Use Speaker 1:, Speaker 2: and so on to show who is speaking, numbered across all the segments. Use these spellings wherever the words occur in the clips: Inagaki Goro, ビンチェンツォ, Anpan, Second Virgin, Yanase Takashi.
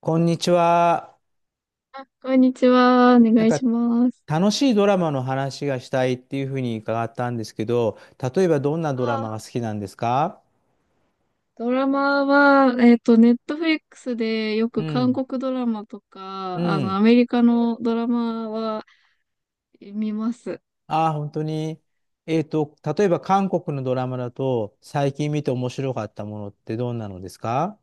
Speaker 1: こんにちは。
Speaker 2: こんにちは。お
Speaker 1: な
Speaker 2: 願
Speaker 1: ん
Speaker 2: い
Speaker 1: か
Speaker 2: します。
Speaker 1: 楽しいドラマの話がしたいっていうふうに伺ったんですけど、例えばどんなド
Speaker 2: あ
Speaker 1: ラマが
Speaker 2: ー
Speaker 1: 好きなんですか？
Speaker 2: ドラマは、ネットフリックスでよ
Speaker 1: う
Speaker 2: く韓
Speaker 1: ん。
Speaker 2: 国ドラマとか、
Speaker 1: うん。
Speaker 2: アメリカのドラマは見ます。
Speaker 1: ああ、本当に。例えば韓国のドラマだと、最近見て面白かったものってどんなのですか？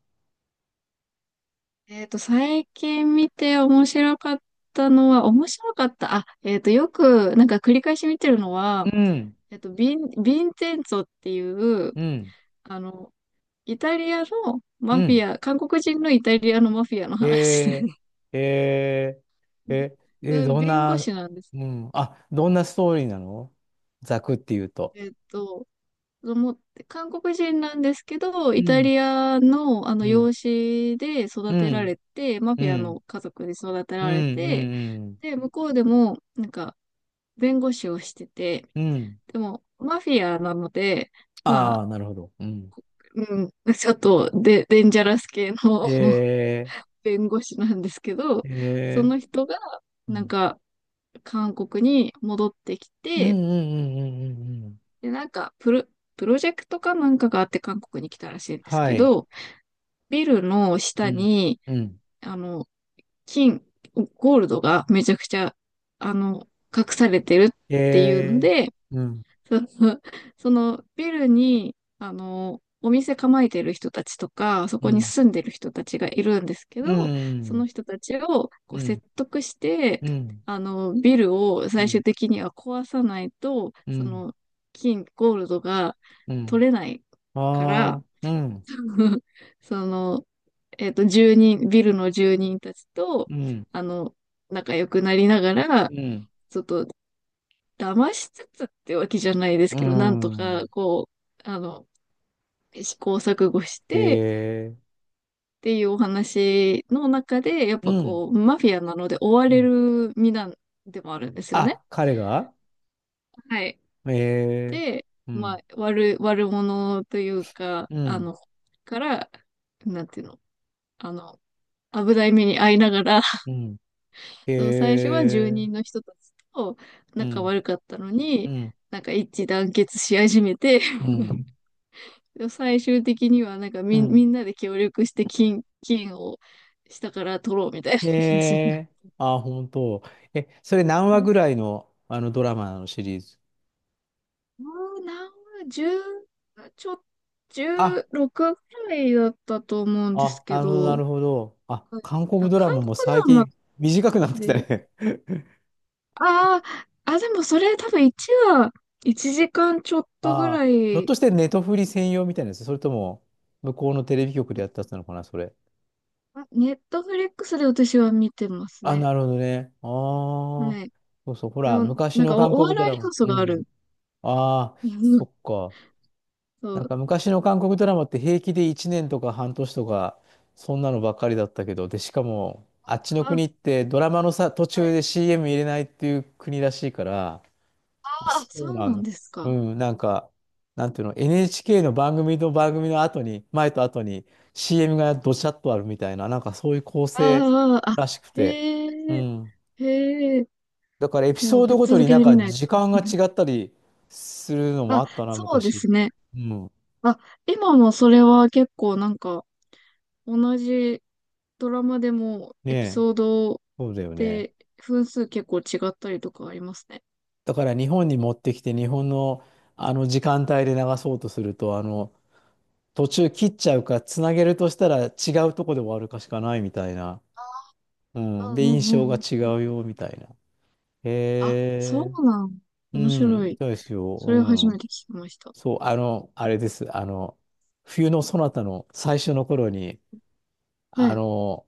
Speaker 2: 最近見て面白かったのは、面白かった。あ、よく、なんか繰り返し見てるの
Speaker 1: う
Speaker 2: は、
Speaker 1: ん。
Speaker 2: ビンチェンツォっていう、
Speaker 1: うん。
Speaker 2: あの、イタリアの
Speaker 1: う
Speaker 2: マフ
Speaker 1: ん。
Speaker 2: ィア、韓国人のイタリアのマフィアの話で
Speaker 1: えー、えー、え、
Speaker 2: それ
Speaker 1: どん
Speaker 2: 弁護
Speaker 1: な、
Speaker 2: 士なんです。
Speaker 1: うん。あ、どんなストーリーなの、ざくっていうと？
Speaker 2: えっと、子供って、韓国人なんですけど、
Speaker 1: う
Speaker 2: イタ
Speaker 1: ん。
Speaker 2: リアの、あ
Speaker 1: う
Speaker 2: の
Speaker 1: ん。
Speaker 2: 養子で育
Speaker 1: う
Speaker 2: てら
Speaker 1: ん。
Speaker 2: れて、マ
Speaker 1: う
Speaker 2: フィア
Speaker 1: ん。
Speaker 2: の家族で育て
Speaker 1: うん、
Speaker 2: られて、
Speaker 1: うん、
Speaker 2: で、向こうでも、なんか、弁護士をしてて、
Speaker 1: うん。うん。
Speaker 2: でも、マフィアなので、ま
Speaker 1: あ
Speaker 2: あ、
Speaker 1: あ、なるほど。うん。
Speaker 2: うん、ちょっとデンジャラス系の
Speaker 1: え
Speaker 2: 弁護士なんですけど、
Speaker 1: ー、
Speaker 2: そ
Speaker 1: え
Speaker 2: の人が、
Speaker 1: ー、う
Speaker 2: なん
Speaker 1: ん、
Speaker 2: か、韓国に戻ってき
Speaker 1: うん、うん、
Speaker 2: て、
Speaker 1: うん、うん。うん
Speaker 2: で、なんか、プロジェクトかなんかがあって韓国に来たらしいんです
Speaker 1: は
Speaker 2: け
Speaker 1: い。
Speaker 2: ど、ビルの
Speaker 1: う
Speaker 2: 下
Speaker 1: ん、
Speaker 2: に、
Speaker 1: うん。
Speaker 2: あの、金、ゴールドがめちゃくちゃ、あの、隠されてるっていうの
Speaker 1: え
Speaker 2: で、
Speaker 1: ー、うん、
Speaker 2: その、そのビルに、お店構えてる人たちとか、そ
Speaker 1: う
Speaker 2: こに
Speaker 1: ん、
Speaker 2: 住んでる人たちがいるんですけ
Speaker 1: う
Speaker 2: ど、そ
Speaker 1: ん、
Speaker 2: の人たちをこう
Speaker 1: うん、
Speaker 2: 説得して、
Speaker 1: うん、
Speaker 2: ビルを
Speaker 1: う
Speaker 2: 最終
Speaker 1: ん、
Speaker 2: 的には壊さないと、
Speaker 1: う
Speaker 2: そ
Speaker 1: ん、
Speaker 2: の、ゴールドが
Speaker 1: うん。
Speaker 2: 取れないか
Speaker 1: あ
Speaker 2: ら、
Speaker 1: あ、うん、
Speaker 2: その、ビルの住人たちと、
Speaker 1: うん、
Speaker 2: あの、仲良くなりなが
Speaker 1: う
Speaker 2: ら、
Speaker 1: ん、
Speaker 2: ちょっと、騙しつつってわけじゃないです
Speaker 1: う
Speaker 2: けど、なんとか、
Speaker 1: ん。
Speaker 2: こう、試行錯誤してっ
Speaker 1: えー、
Speaker 2: ていうお話の中で、やっ
Speaker 1: う
Speaker 2: ぱ
Speaker 1: ん、
Speaker 2: こう、マフィアなので追わ
Speaker 1: う
Speaker 2: れ
Speaker 1: ん。
Speaker 2: る身なんでもあるんですよね。
Speaker 1: あ、彼が
Speaker 2: はい。
Speaker 1: えー、
Speaker 2: で、
Speaker 1: う
Speaker 2: まあ、
Speaker 1: ん、
Speaker 2: 悪者というか、
Speaker 1: うん、
Speaker 2: から、なんていうの、あの、危ない目に遭いながら、
Speaker 1: うん。
Speaker 2: そう、最初は住
Speaker 1: えー、
Speaker 2: 人の人たちと
Speaker 1: う
Speaker 2: 仲
Speaker 1: ん。
Speaker 2: 悪かったの
Speaker 1: う
Speaker 2: に、
Speaker 1: ん。う
Speaker 2: なんか一致団結し始めて、
Speaker 1: う ん。ん
Speaker 2: でも最終的にはなんか
Speaker 1: う
Speaker 2: みん、
Speaker 1: ん。
Speaker 2: みんなで協力して金を下から取ろうみたいな
Speaker 1: へ
Speaker 2: 感じになっ
Speaker 1: え。
Speaker 2: て。
Speaker 1: あ、本当。え、それ何話ぐらいの、あのドラマのシリーズ？
Speaker 2: もう何、十、ちょ、
Speaker 1: あ、
Speaker 2: 十六くぐらいだったと思うんです
Speaker 1: あ、
Speaker 2: け
Speaker 1: なるほど、な
Speaker 2: ど、
Speaker 1: るほど。あ、
Speaker 2: はい
Speaker 1: 韓国
Speaker 2: だ
Speaker 1: ドラ
Speaker 2: 韓
Speaker 1: マ
Speaker 2: 国
Speaker 1: も
Speaker 2: で
Speaker 1: 最
Speaker 2: はな
Speaker 1: 近
Speaker 2: く
Speaker 1: 短くなってきた
Speaker 2: て、
Speaker 1: ね。
Speaker 2: ああ、あ、でもそれ多分1は1時間ちょっとぐ
Speaker 1: ああ、
Speaker 2: ら
Speaker 1: ひょっ
Speaker 2: い
Speaker 1: としてネトフリ専用みたいなやつ、それとも、向こうのテレビ局でやったやつなのかな、それ。
Speaker 2: ネットフリックスで私は見てます
Speaker 1: あ、
Speaker 2: ね。
Speaker 1: なるほどね。ああ、
Speaker 2: はい。
Speaker 1: そうそう。ほ
Speaker 2: で
Speaker 1: ら、
Speaker 2: も、
Speaker 1: 昔
Speaker 2: なん
Speaker 1: の
Speaker 2: かお、
Speaker 1: 韓
Speaker 2: お
Speaker 1: 国ド
Speaker 2: 笑
Speaker 1: ラ
Speaker 2: い
Speaker 1: マ。
Speaker 2: 要素
Speaker 1: う
Speaker 2: がある。
Speaker 1: ん。ああ、
Speaker 2: う
Speaker 1: そ
Speaker 2: ん
Speaker 1: っか。
Speaker 2: そ
Speaker 1: なん
Speaker 2: う。
Speaker 1: か昔の韓国ドラマって平気で1年とか半年とか、そんなのばっかりだったけど、で、しかも、あっちの
Speaker 2: あ、
Speaker 1: 国ってドラマのさ、途
Speaker 2: は
Speaker 1: 中
Speaker 2: い。
Speaker 1: で CM 入れないっていう国らしいから、あ、
Speaker 2: あ、
Speaker 1: そ
Speaker 2: そ
Speaker 1: う
Speaker 2: う
Speaker 1: な
Speaker 2: な
Speaker 1: ん
Speaker 2: ん
Speaker 1: だ。
Speaker 2: です
Speaker 1: う
Speaker 2: か。
Speaker 1: ん、なんか、なんていうの、NHK の番組と番組の後に、前と後に CM がどちゃっとあるみたいな、なんかそういう構成
Speaker 2: ああ、あ、
Speaker 1: らしくて、
Speaker 2: へ
Speaker 1: う
Speaker 2: え、
Speaker 1: ん。
Speaker 2: へえ、
Speaker 1: だからエピ
Speaker 2: も
Speaker 1: ソ
Speaker 2: う
Speaker 1: ー
Speaker 2: ぶ
Speaker 1: ド
Speaker 2: っ
Speaker 1: ごと
Speaker 2: 続
Speaker 1: に
Speaker 2: け
Speaker 1: なん
Speaker 2: で
Speaker 1: か
Speaker 2: 見ない
Speaker 1: 時
Speaker 2: と。
Speaker 1: 間が 違ったりするのも
Speaker 2: あ、
Speaker 1: あったな、
Speaker 2: そうで
Speaker 1: 昔。
Speaker 2: すね。
Speaker 1: うん。
Speaker 2: あ、今もそれは結構なんか、同じドラマでも
Speaker 1: ね
Speaker 2: エピ
Speaker 1: え、
Speaker 2: ソード
Speaker 1: そうだよね。
Speaker 2: で分数結構違ったりとかありますね。
Speaker 1: だから日本に持ってきて日本のあの時間帯で流そうとすると途中切っちゃうかつなげるとしたら違うとこで終わるかしかないみたいな、う
Speaker 2: う
Speaker 1: ん、
Speaker 2: ん
Speaker 1: で
Speaker 2: う
Speaker 1: 印
Speaker 2: ん
Speaker 1: 象
Speaker 2: う
Speaker 1: が
Speaker 2: ん
Speaker 1: 違
Speaker 2: うん。
Speaker 1: うよみたいな。
Speaker 2: あ、
Speaker 1: へ
Speaker 2: そ
Speaker 1: え。
Speaker 2: うなん。
Speaker 1: う
Speaker 2: 面白
Speaker 1: ん
Speaker 2: い。
Speaker 1: そうですよ、
Speaker 2: そ
Speaker 1: う
Speaker 2: れを初め
Speaker 1: ん、
Speaker 2: て聞きました。
Speaker 1: そうあのあれです冬のそなたの最初の頃に
Speaker 2: は
Speaker 1: あ
Speaker 2: い。
Speaker 1: の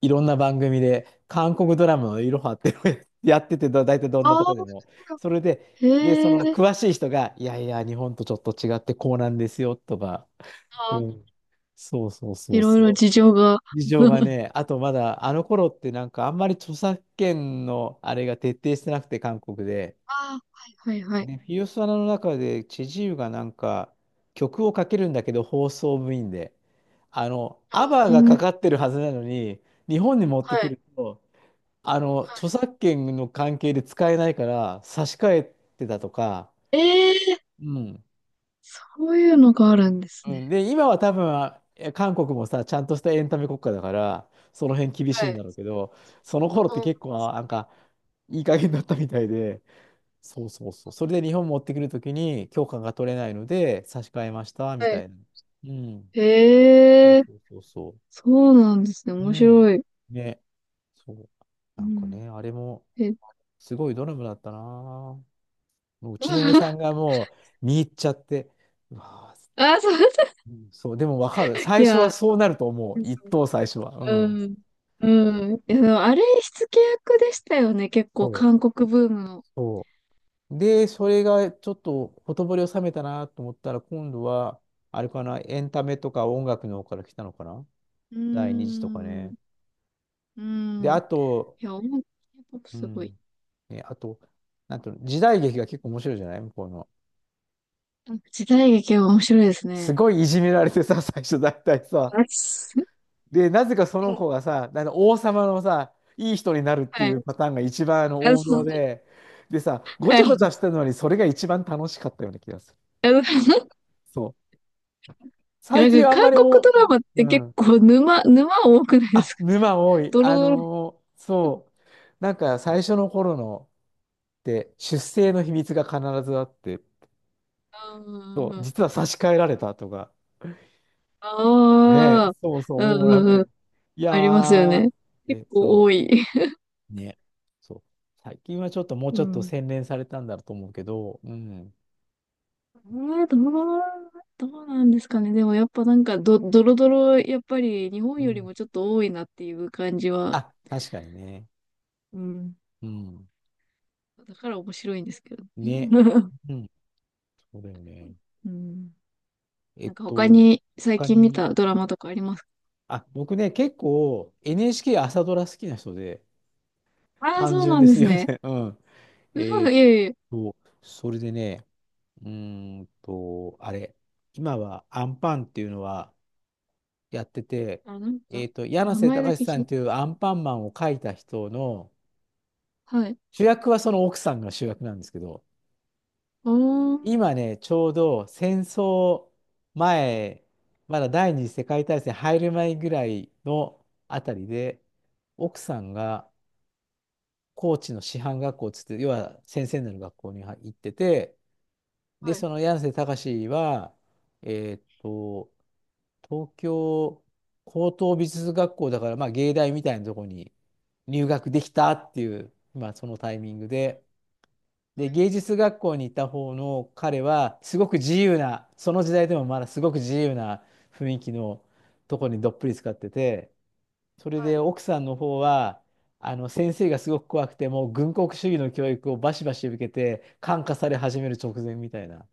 Speaker 1: いろんな番組で、韓国ドラマのいろはっていうのを やってて、だ大体どん
Speaker 2: あ
Speaker 1: なと
Speaker 2: あ、
Speaker 1: こでも。それで、
Speaker 2: へ
Speaker 1: で、その
Speaker 2: え、
Speaker 1: 詳しい人が、いやいや、日本とちょっと違ってこうなんですよ、とか。
Speaker 2: あ
Speaker 1: う
Speaker 2: ー
Speaker 1: ん。そうそうそ
Speaker 2: い
Speaker 1: う
Speaker 2: ろいろ
Speaker 1: そ
Speaker 2: 事情が。
Speaker 1: う。事情が ね、あとまだ、あの頃ってなんかあんまり著作権のあれが徹底してなくて、韓国で。
Speaker 2: あー、はい。はいはい。
Speaker 1: で、フィオスワナの中で、チェジウがなんか、曲をかけるんだけど、放送部員で。あの、アバー
Speaker 2: うう
Speaker 1: がか
Speaker 2: ん、
Speaker 1: かってるはずなのに、日本に持って
Speaker 2: は
Speaker 1: く
Speaker 2: い。
Speaker 1: ると、あの、
Speaker 2: は
Speaker 1: 著作権の関係で使えないから差し替えてたとか、
Speaker 2: い。ええ、
Speaker 1: うん。
Speaker 2: そういうのがあるんです
Speaker 1: う
Speaker 2: ね。
Speaker 1: ん、で、今は多分、あえ韓国もさ、ちゃんとしたエンタメ国家だから、その辺厳しい
Speaker 2: は
Speaker 1: んだ
Speaker 2: い。
Speaker 1: ろうけど、その頃っ
Speaker 2: う
Speaker 1: て
Speaker 2: ん、
Speaker 1: 結構、あなんか、いい加減だったみたいで、そうそうそう。それで日本持ってくるときに許可が取れないので、差し替えました、
Speaker 2: は
Speaker 1: みた
Speaker 2: い。
Speaker 1: いな。うん。そ
Speaker 2: へ
Speaker 1: う
Speaker 2: え、
Speaker 1: そうそうそ
Speaker 2: そうなんですね。
Speaker 1: う。
Speaker 2: 面
Speaker 1: うん。
Speaker 2: 白い。
Speaker 1: ね。そう。
Speaker 2: う
Speaker 1: なんか
Speaker 2: ん。
Speaker 1: ね、あれも、
Speaker 2: え、
Speaker 1: すごいドラマだったな。もううちの嫁さんが もう見入っちゃって、うわあ、
Speaker 2: あ、そうそう。
Speaker 1: うんそう、でもわかる。
Speaker 2: い
Speaker 1: 最初は
Speaker 2: や、
Speaker 1: そうなると思う。一等最初は。う
Speaker 2: う
Speaker 1: ん。
Speaker 2: ん。うん。いや、でもあれ、火付け役でしたよね。結構、
Speaker 1: そう、
Speaker 2: 韓国ブームの。
Speaker 1: そうで、それがちょっとほとぼりを冷めたなと思ったら、今度は、あれかな、エンタメとか音楽の方から来たのかな、
Speaker 2: うー
Speaker 1: 第二次とか
Speaker 2: ん。
Speaker 1: ね。
Speaker 2: う
Speaker 1: で、
Speaker 2: ん。い
Speaker 1: あと、
Speaker 2: や、音楽、k ポップ
Speaker 1: う
Speaker 2: すごい。
Speaker 1: ん。ね、あと、なんと、時代劇が結構面白いじゃない向こうの。
Speaker 2: なんか時代劇は面白いです
Speaker 1: す
Speaker 2: ね。
Speaker 1: ごいいじめられてさ、最初大体さ、
Speaker 2: あす、
Speaker 1: で、なぜかその子がさ、あの王様のさ、いい人になるって
Speaker 2: は
Speaker 1: い
Speaker 2: い。
Speaker 1: うパターンが一番
Speaker 2: あ、
Speaker 1: 王
Speaker 2: そ
Speaker 1: 道
Speaker 2: う。
Speaker 1: で、でさ、ごち
Speaker 2: は
Speaker 1: ゃごち
Speaker 2: い。
Speaker 1: ゃしてるのにそれが一番楽しかったような気がする。
Speaker 2: あの、
Speaker 1: そう。最
Speaker 2: な
Speaker 1: 近
Speaker 2: ん
Speaker 1: はあ
Speaker 2: か
Speaker 1: んま
Speaker 2: 韓
Speaker 1: り
Speaker 2: 国
Speaker 1: お、
Speaker 2: ドラマって
Speaker 1: う
Speaker 2: 結
Speaker 1: ん。
Speaker 2: 構沼多くないで
Speaker 1: あ、
Speaker 2: すか？
Speaker 1: 沼多い。
Speaker 2: ドロドロ。
Speaker 1: そう。なんか最初の頃のって出生の秘密が必ずあって、そう、
Speaker 2: あ
Speaker 1: 実は差し替えられたとか、
Speaker 2: あ、
Speaker 1: ねえ、
Speaker 2: ああ、
Speaker 1: そうそう、
Speaker 2: う
Speaker 1: もう
Speaker 2: ん
Speaker 1: な
Speaker 2: う
Speaker 1: んか
Speaker 2: んうん。
Speaker 1: ね、いや
Speaker 2: ありますよ
Speaker 1: ー、
Speaker 2: ね。結
Speaker 1: で、
Speaker 2: 構
Speaker 1: そ
Speaker 2: 多
Speaker 1: う。
Speaker 2: い。
Speaker 1: ね。そう。最近はちょっともう
Speaker 2: う
Speaker 1: ちょっと
Speaker 2: ん。
Speaker 1: 洗練されたんだと思うけど、うん。
Speaker 2: えー、どう、どうなんですかね。でもやっぱなんかドロドロ、やっぱり日本
Speaker 1: う
Speaker 2: より
Speaker 1: ん。
Speaker 2: もちょっと多いなっていう感じは。
Speaker 1: あ、確かにね。
Speaker 2: うん。
Speaker 1: うん。
Speaker 2: だから面白いんですけど。
Speaker 1: ね。うん。そうだよね。
Speaker 2: うん。
Speaker 1: え
Speaker 2: な
Speaker 1: っ
Speaker 2: んか他
Speaker 1: と、
Speaker 2: に最
Speaker 1: 他
Speaker 2: 近見
Speaker 1: に、
Speaker 2: たドラマとかありますか？
Speaker 1: あ、僕ね、結構 NHK 朝ドラ好きな人で、
Speaker 2: ああー、
Speaker 1: 単
Speaker 2: そう
Speaker 1: 純
Speaker 2: な
Speaker 1: で
Speaker 2: んで
Speaker 1: す
Speaker 2: す
Speaker 1: いま
Speaker 2: ね。
Speaker 1: せん。うん。え
Speaker 2: う
Speaker 1: ー
Speaker 2: わ、
Speaker 1: っ
Speaker 2: いえいえ。
Speaker 1: と、それでね、あれ、今はアンパンっていうのはやってて、
Speaker 2: あ、なんか、
Speaker 1: 柳
Speaker 2: 名
Speaker 1: 瀬
Speaker 2: 前だ
Speaker 1: 隆
Speaker 2: け
Speaker 1: さ
Speaker 2: 聞
Speaker 1: んっ
Speaker 2: いた。
Speaker 1: ていうアンパンマンを描いた人の、
Speaker 2: はい。
Speaker 1: 主役はその奥さんが主役なんですけど、
Speaker 2: おー。
Speaker 1: 今ね、ちょうど戦争前、まだ第二次世界大戦入る前ぐらいのあたりで、奥さんが高知の師範学校つって、要は先生になる学校に行ってて、で、
Speaker 2: はい。
Speaker 1: その柳瀬隆は、えーっと、東京高等美術学校だから、まあ、芸大みたいなところに入学できたっていう、まあ、そのタイミングで、で、芸術学校にいた方の彼は、すごく自由な、その時代でもまだすごく自由な雰囲気のとこにどっぷり使ってて、それ
Speaker 2: は
Speaker 1: で
Speaker 2: い。
Speaker 1: 奥さんの方は、あの先生がすごく怖くて、もう軍国主義の教育をバシバシ受けて、感化され始める直前みたいな。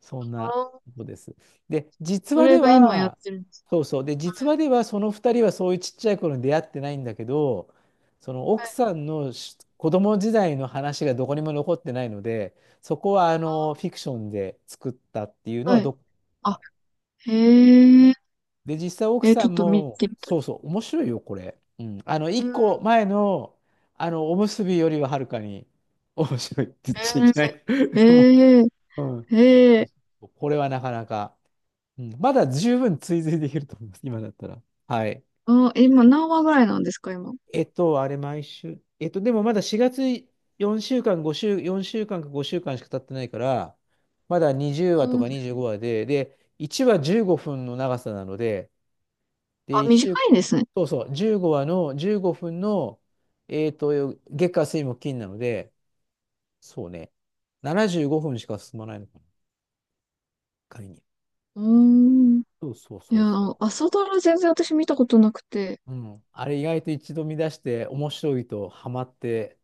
Speaker 1: そん
Speaker 2: あ
Speaker 1: な
Speaker 2: ー
Speaker 1: ことです。で、実
Speaker 2: そ
Speaker 1: 話で
Speaker 2: れが今やっ
Speaker 1: は、
Speaker 2: てるんです。
Speaker 1: そうそう。で、実話ではその2人はそういうちっちゃい頃に出会ってないんだけど、その
Speaker 2: は
Speaker 1: 奥
Speaker 2: い。
Speaker 1: さんのし子供時代の話がどこにも残ってないので、そこはあのフ
Speaker 2: あ
Speaker 1: ィクションで作ったっていうのは
Speaker 2: は
Speaker 1: ど
Speaker 2: い。
Speaker 1: っ
Speaker 2: あ、
Speaker 1: か。
Speaker 2: へえ。
Speaker 1: で、実際奥
Speaker 2: えー、
Speaker 1: さ
Speaker 2: ちょっ
Speaker 1: ん
Speaker 2: と見
Speaker 1: も、
Speaker 2: てみたい。
Speaker 1: そうそう、面白いよ、これ。うん。あの、
Speaker 2: う
Speaker 1: 1
Speaker 2: ん。
Speaker 1: 個前の、あの、おむすびよりははるかに面白いって言っちゃい
Speaker 2: え
Speaker 1: けない。
Speaker 2: ー、
Speaker 1: も
Speaker 2: え
Speaker 1: う、うん。
Speaker 2: ー、ええー、
Speaker 1: これはなかなか。うん、まだ十分追随できると思います、今だったら。はい。
Speaker 2: あー。今何話ぐらいなんですか、今？
Speaker 1: えっと、あれ、毎週。えっと、でもまだ4月4週間、5週、4週間か5週間しゅうかんしか経ってないから、まだ20話と
Speaker 2: うん。
Speaker 1: か25話で、で、1話15分の長さなので、
Speaker 2: あ、
Speaker 1: で、1
Speaker 2: 短
Speaker 1: 週、
Speaker 2: いんですね。
Speaker 1: そうそう、15話の15分の、月火水木金なので、そうね、75分しか進まないのかな、仮に。
Speaker 2: うーん。
Speaker 1: そうそう
Speaker 2: い
Speaker 1: そ
Speaker 2: や、
Speaker 1: う
Speaker 2: あの
Speaker 1: そ
Speaker 2: 朝ドラ全然私見たことなくて。
Speaker 1: う。うん、あれ意外と一度見出して面白いとハマって、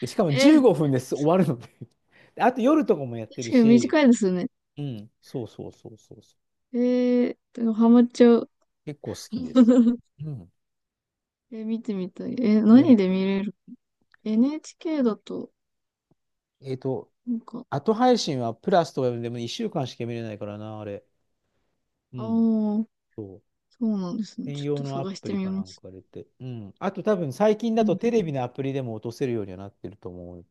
Speaker 1: で、しかも
Speaker 2: え
Speaker 1: 15
Speaker 2: ー、
Speaker 1: 分です終わるので であと夜とかもやってる
Speaker 2: 確かに
Speaker 1: し、
Speaker 2: 短いですよね。
Speaker 1: うん、そうそうそうそうそう。
Speaker 2: えー、でもハマっちゃう。
Speaker 1: 結構好きです。うん。
Speaker 2: え、見てみたい。え、何
Speaker 1: で、
Speaker 2: で見れる？ NHK だと、
Speaker 1: えっと、
Speaker 2: なんか、
Speaker 1: 後配信はプラスとかでも1週間しか見れないからな、あれ。う
Speaker 2: ああ、
Speaker 1: ん。
Speaker 2: そ
Speaker 1: そう。
Speaker 2: うなんですね。
Speaker 1: 専
Speaker 2: ちょっ
Speaker 1: 用
Speaker 2: と
Speaker 1: のア
Speaker 2: 探し
Speaker 1: プ
Speaker 2: て
Speaker 1: リ
Speaker 2: み
Speaker 1: かな
Speaker 2: ま
Speaker 1: ん
Speaker 2: す。
Speaker 1: か入れて。うん。あと多分最近だ
Speaker 2: う
Speaker 1: と
Speaker 2: ん、
Speaker 1: テレビのアプリでも落とせるようにはなってると思う。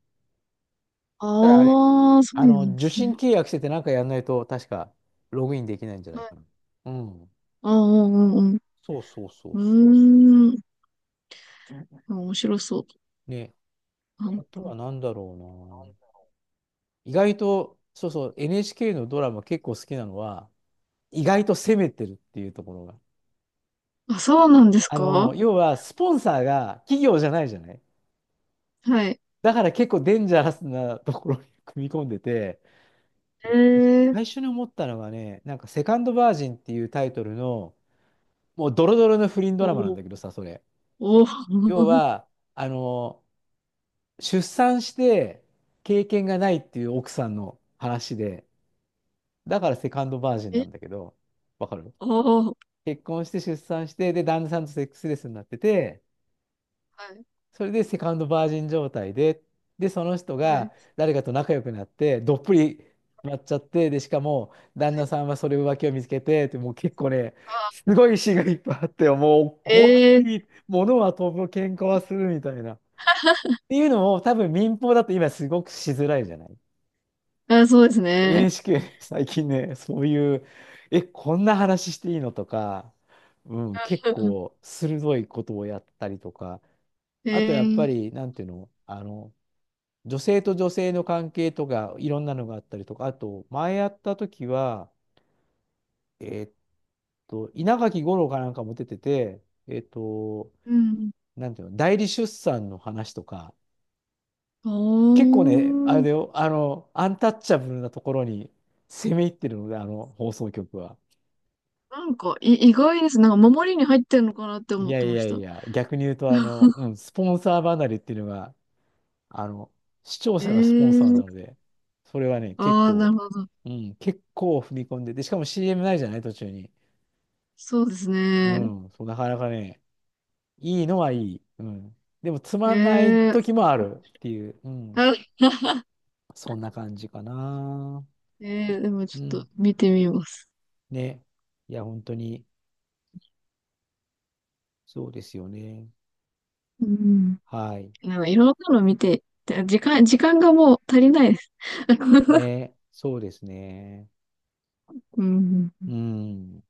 Speaker 1: ただあれ、
Speaker 2: ああ、そう
Speaker 1: あ
Speaker 2: な
Speaker 1: の、
Speaker 2: んで
Speaker 1: 受
Speaker 2: す
Speaker 1: 信
Speaker 2: ね。
Speaker 1: 契約しててなんかやんないと確かログインできないんじゃない
Speaker 2: は
Speaker 1: か
Speaker 2: い。
Speaker 1: な。うん。
Speaker 2: ああ、うんうん
Speaker 1: そうそうそう
Speaker 2: う
Speaker 1: そう。
Speaker 2: ん。うーん。あ、面白そう。
Speaker 1: ね。
Speaker 2: あ、
Speaker 1: あとは何だろうな。意外と、そうそう、NHK のドラマ結構好きなのは、意外と攻めてるっていうところが。
Speaker 2: あそうなんです
Speaker 1: あの、
Speaker 2: か？
Speaker 1: 要は、スポンサーが企業じゃないじゃない。
Speaker 2: はい。
Speaker 1: だから結構デンジャラスなところに組み込んでて、
Speaker 2: えー、
Speaker 1: 最初に思ったのがね、なんか、セカンドバージンっていうタイトルの、もうドロドロの不倫ドラマなん
Speaker 2: おー
Speaker 1: だけどさ、それ。
Speaker 2: お
Speaker 1: 要
Speaker 2: ー。
Speaker 1: は、あの、出産して経験がないっていう奥さんの話で、だからセカン ドバージンな
Speaker 2: え、
Speaker 1: んだけど、わかる？
Speaker 2: ああ、は
Speaker 1: 結婚して出産して、で、旦那さんとセックスレスになってて、
Speaker 2: い。
Speaker 1: それでセカンドバージン状態で、で、その人
Speaker 2: はい、
Speaker 1: が誰かと仲良くなって、どっぷりなっちゃって、で、しかも、旦那さんはそれ浮気を見つけて、ってもう結構ね、す
Speaker 2: あ、
Speaker 1: ごい詩がいっぱいあって、もう怖
Speaker 2: ええ、
Speaker 1: い、物は飛ぶ、喧嘩はするみたいな。っていうのを多分民放だと今すごくしづらいじゃない。
Speaker 2: あ、そうですね。
Speaker 1: NHK ね最近ね、そういう、え、こんな話していいのとか、うん、結
Speaker 2: うん、
Speaker 1: 構鋭いことをやったりとか、あとやっぱ
Speaker 2: え
Speaker 1: り、
Speaker 2: え、
Speaker 1: なんていうの、あの、女性と女性の関係とか、いろんなのがあったりとか、あと、前やった時は、えーっ稲垣吾郎かなんかも出てて、えーっと、
Speaker 2: うん。
Speaker 1: なんていうの、代理出産の話とか、
Speaker 2: お
Speaker 1: 結構ね、あれ
Speaker 2: ー。
Speaker 1: だよ、あの、アンタッチャブルなところに攻め入ってるので、あの放送局は。
Speaker 2: なんか、意外です。なんか、守りに入ってるのかなって
Speaker 1: い
Speaker 2: 思っ
Speaker 1: や
Speaker 2: て
Speaker 1: い
Speaker 2: ま
Speaker 1: や
Speaker 2: し
Speaker 1: い
Speaker 2: た。
Speaker 1: や、逆に言うと、あの、うん、スポンサー離れっていうのが、あの、視聴
Speaker 2: え
Speaker 1: 者がスポンサーな
Speaker 2: え、
Speaker 1: ので、それはね、結
Speaker 2: ああー、な
Speaker 1: 構、
Speaker 2: るほど。
Speaker 1: うん、結構踏み込んで、で、しかも CM ないじゃない、途中に。
Speaker 2: そうです
Speaker 1: う
Speaker 2: ね。
Speaker 1: ん、そう、なかなかね、いいのはいい。うん。でも、つまんない
Speaker 2: え
Speaker 1: 時
Speaker 2: え、
Speaker 1: もあるっていう、うん、
Speaker 2: あ、
Speaker 1: そんな感じかな。
Speaker 2: ええ、でもち
Speaker 1: う
Speaker 2: ょっと
Speaker 1: ん、
Speaker 2: 見てみます。
Speaker 1: ね。いや、本当に、そうですよね。
Speaker 2: うん。
Speaker 1: はい。
Speaker 2: なんか、いろんなの見て、で時間がもう足りないです。
Speaker 1: ね、そうですね。
Speaker 2: うん。
Speaker 1: うん。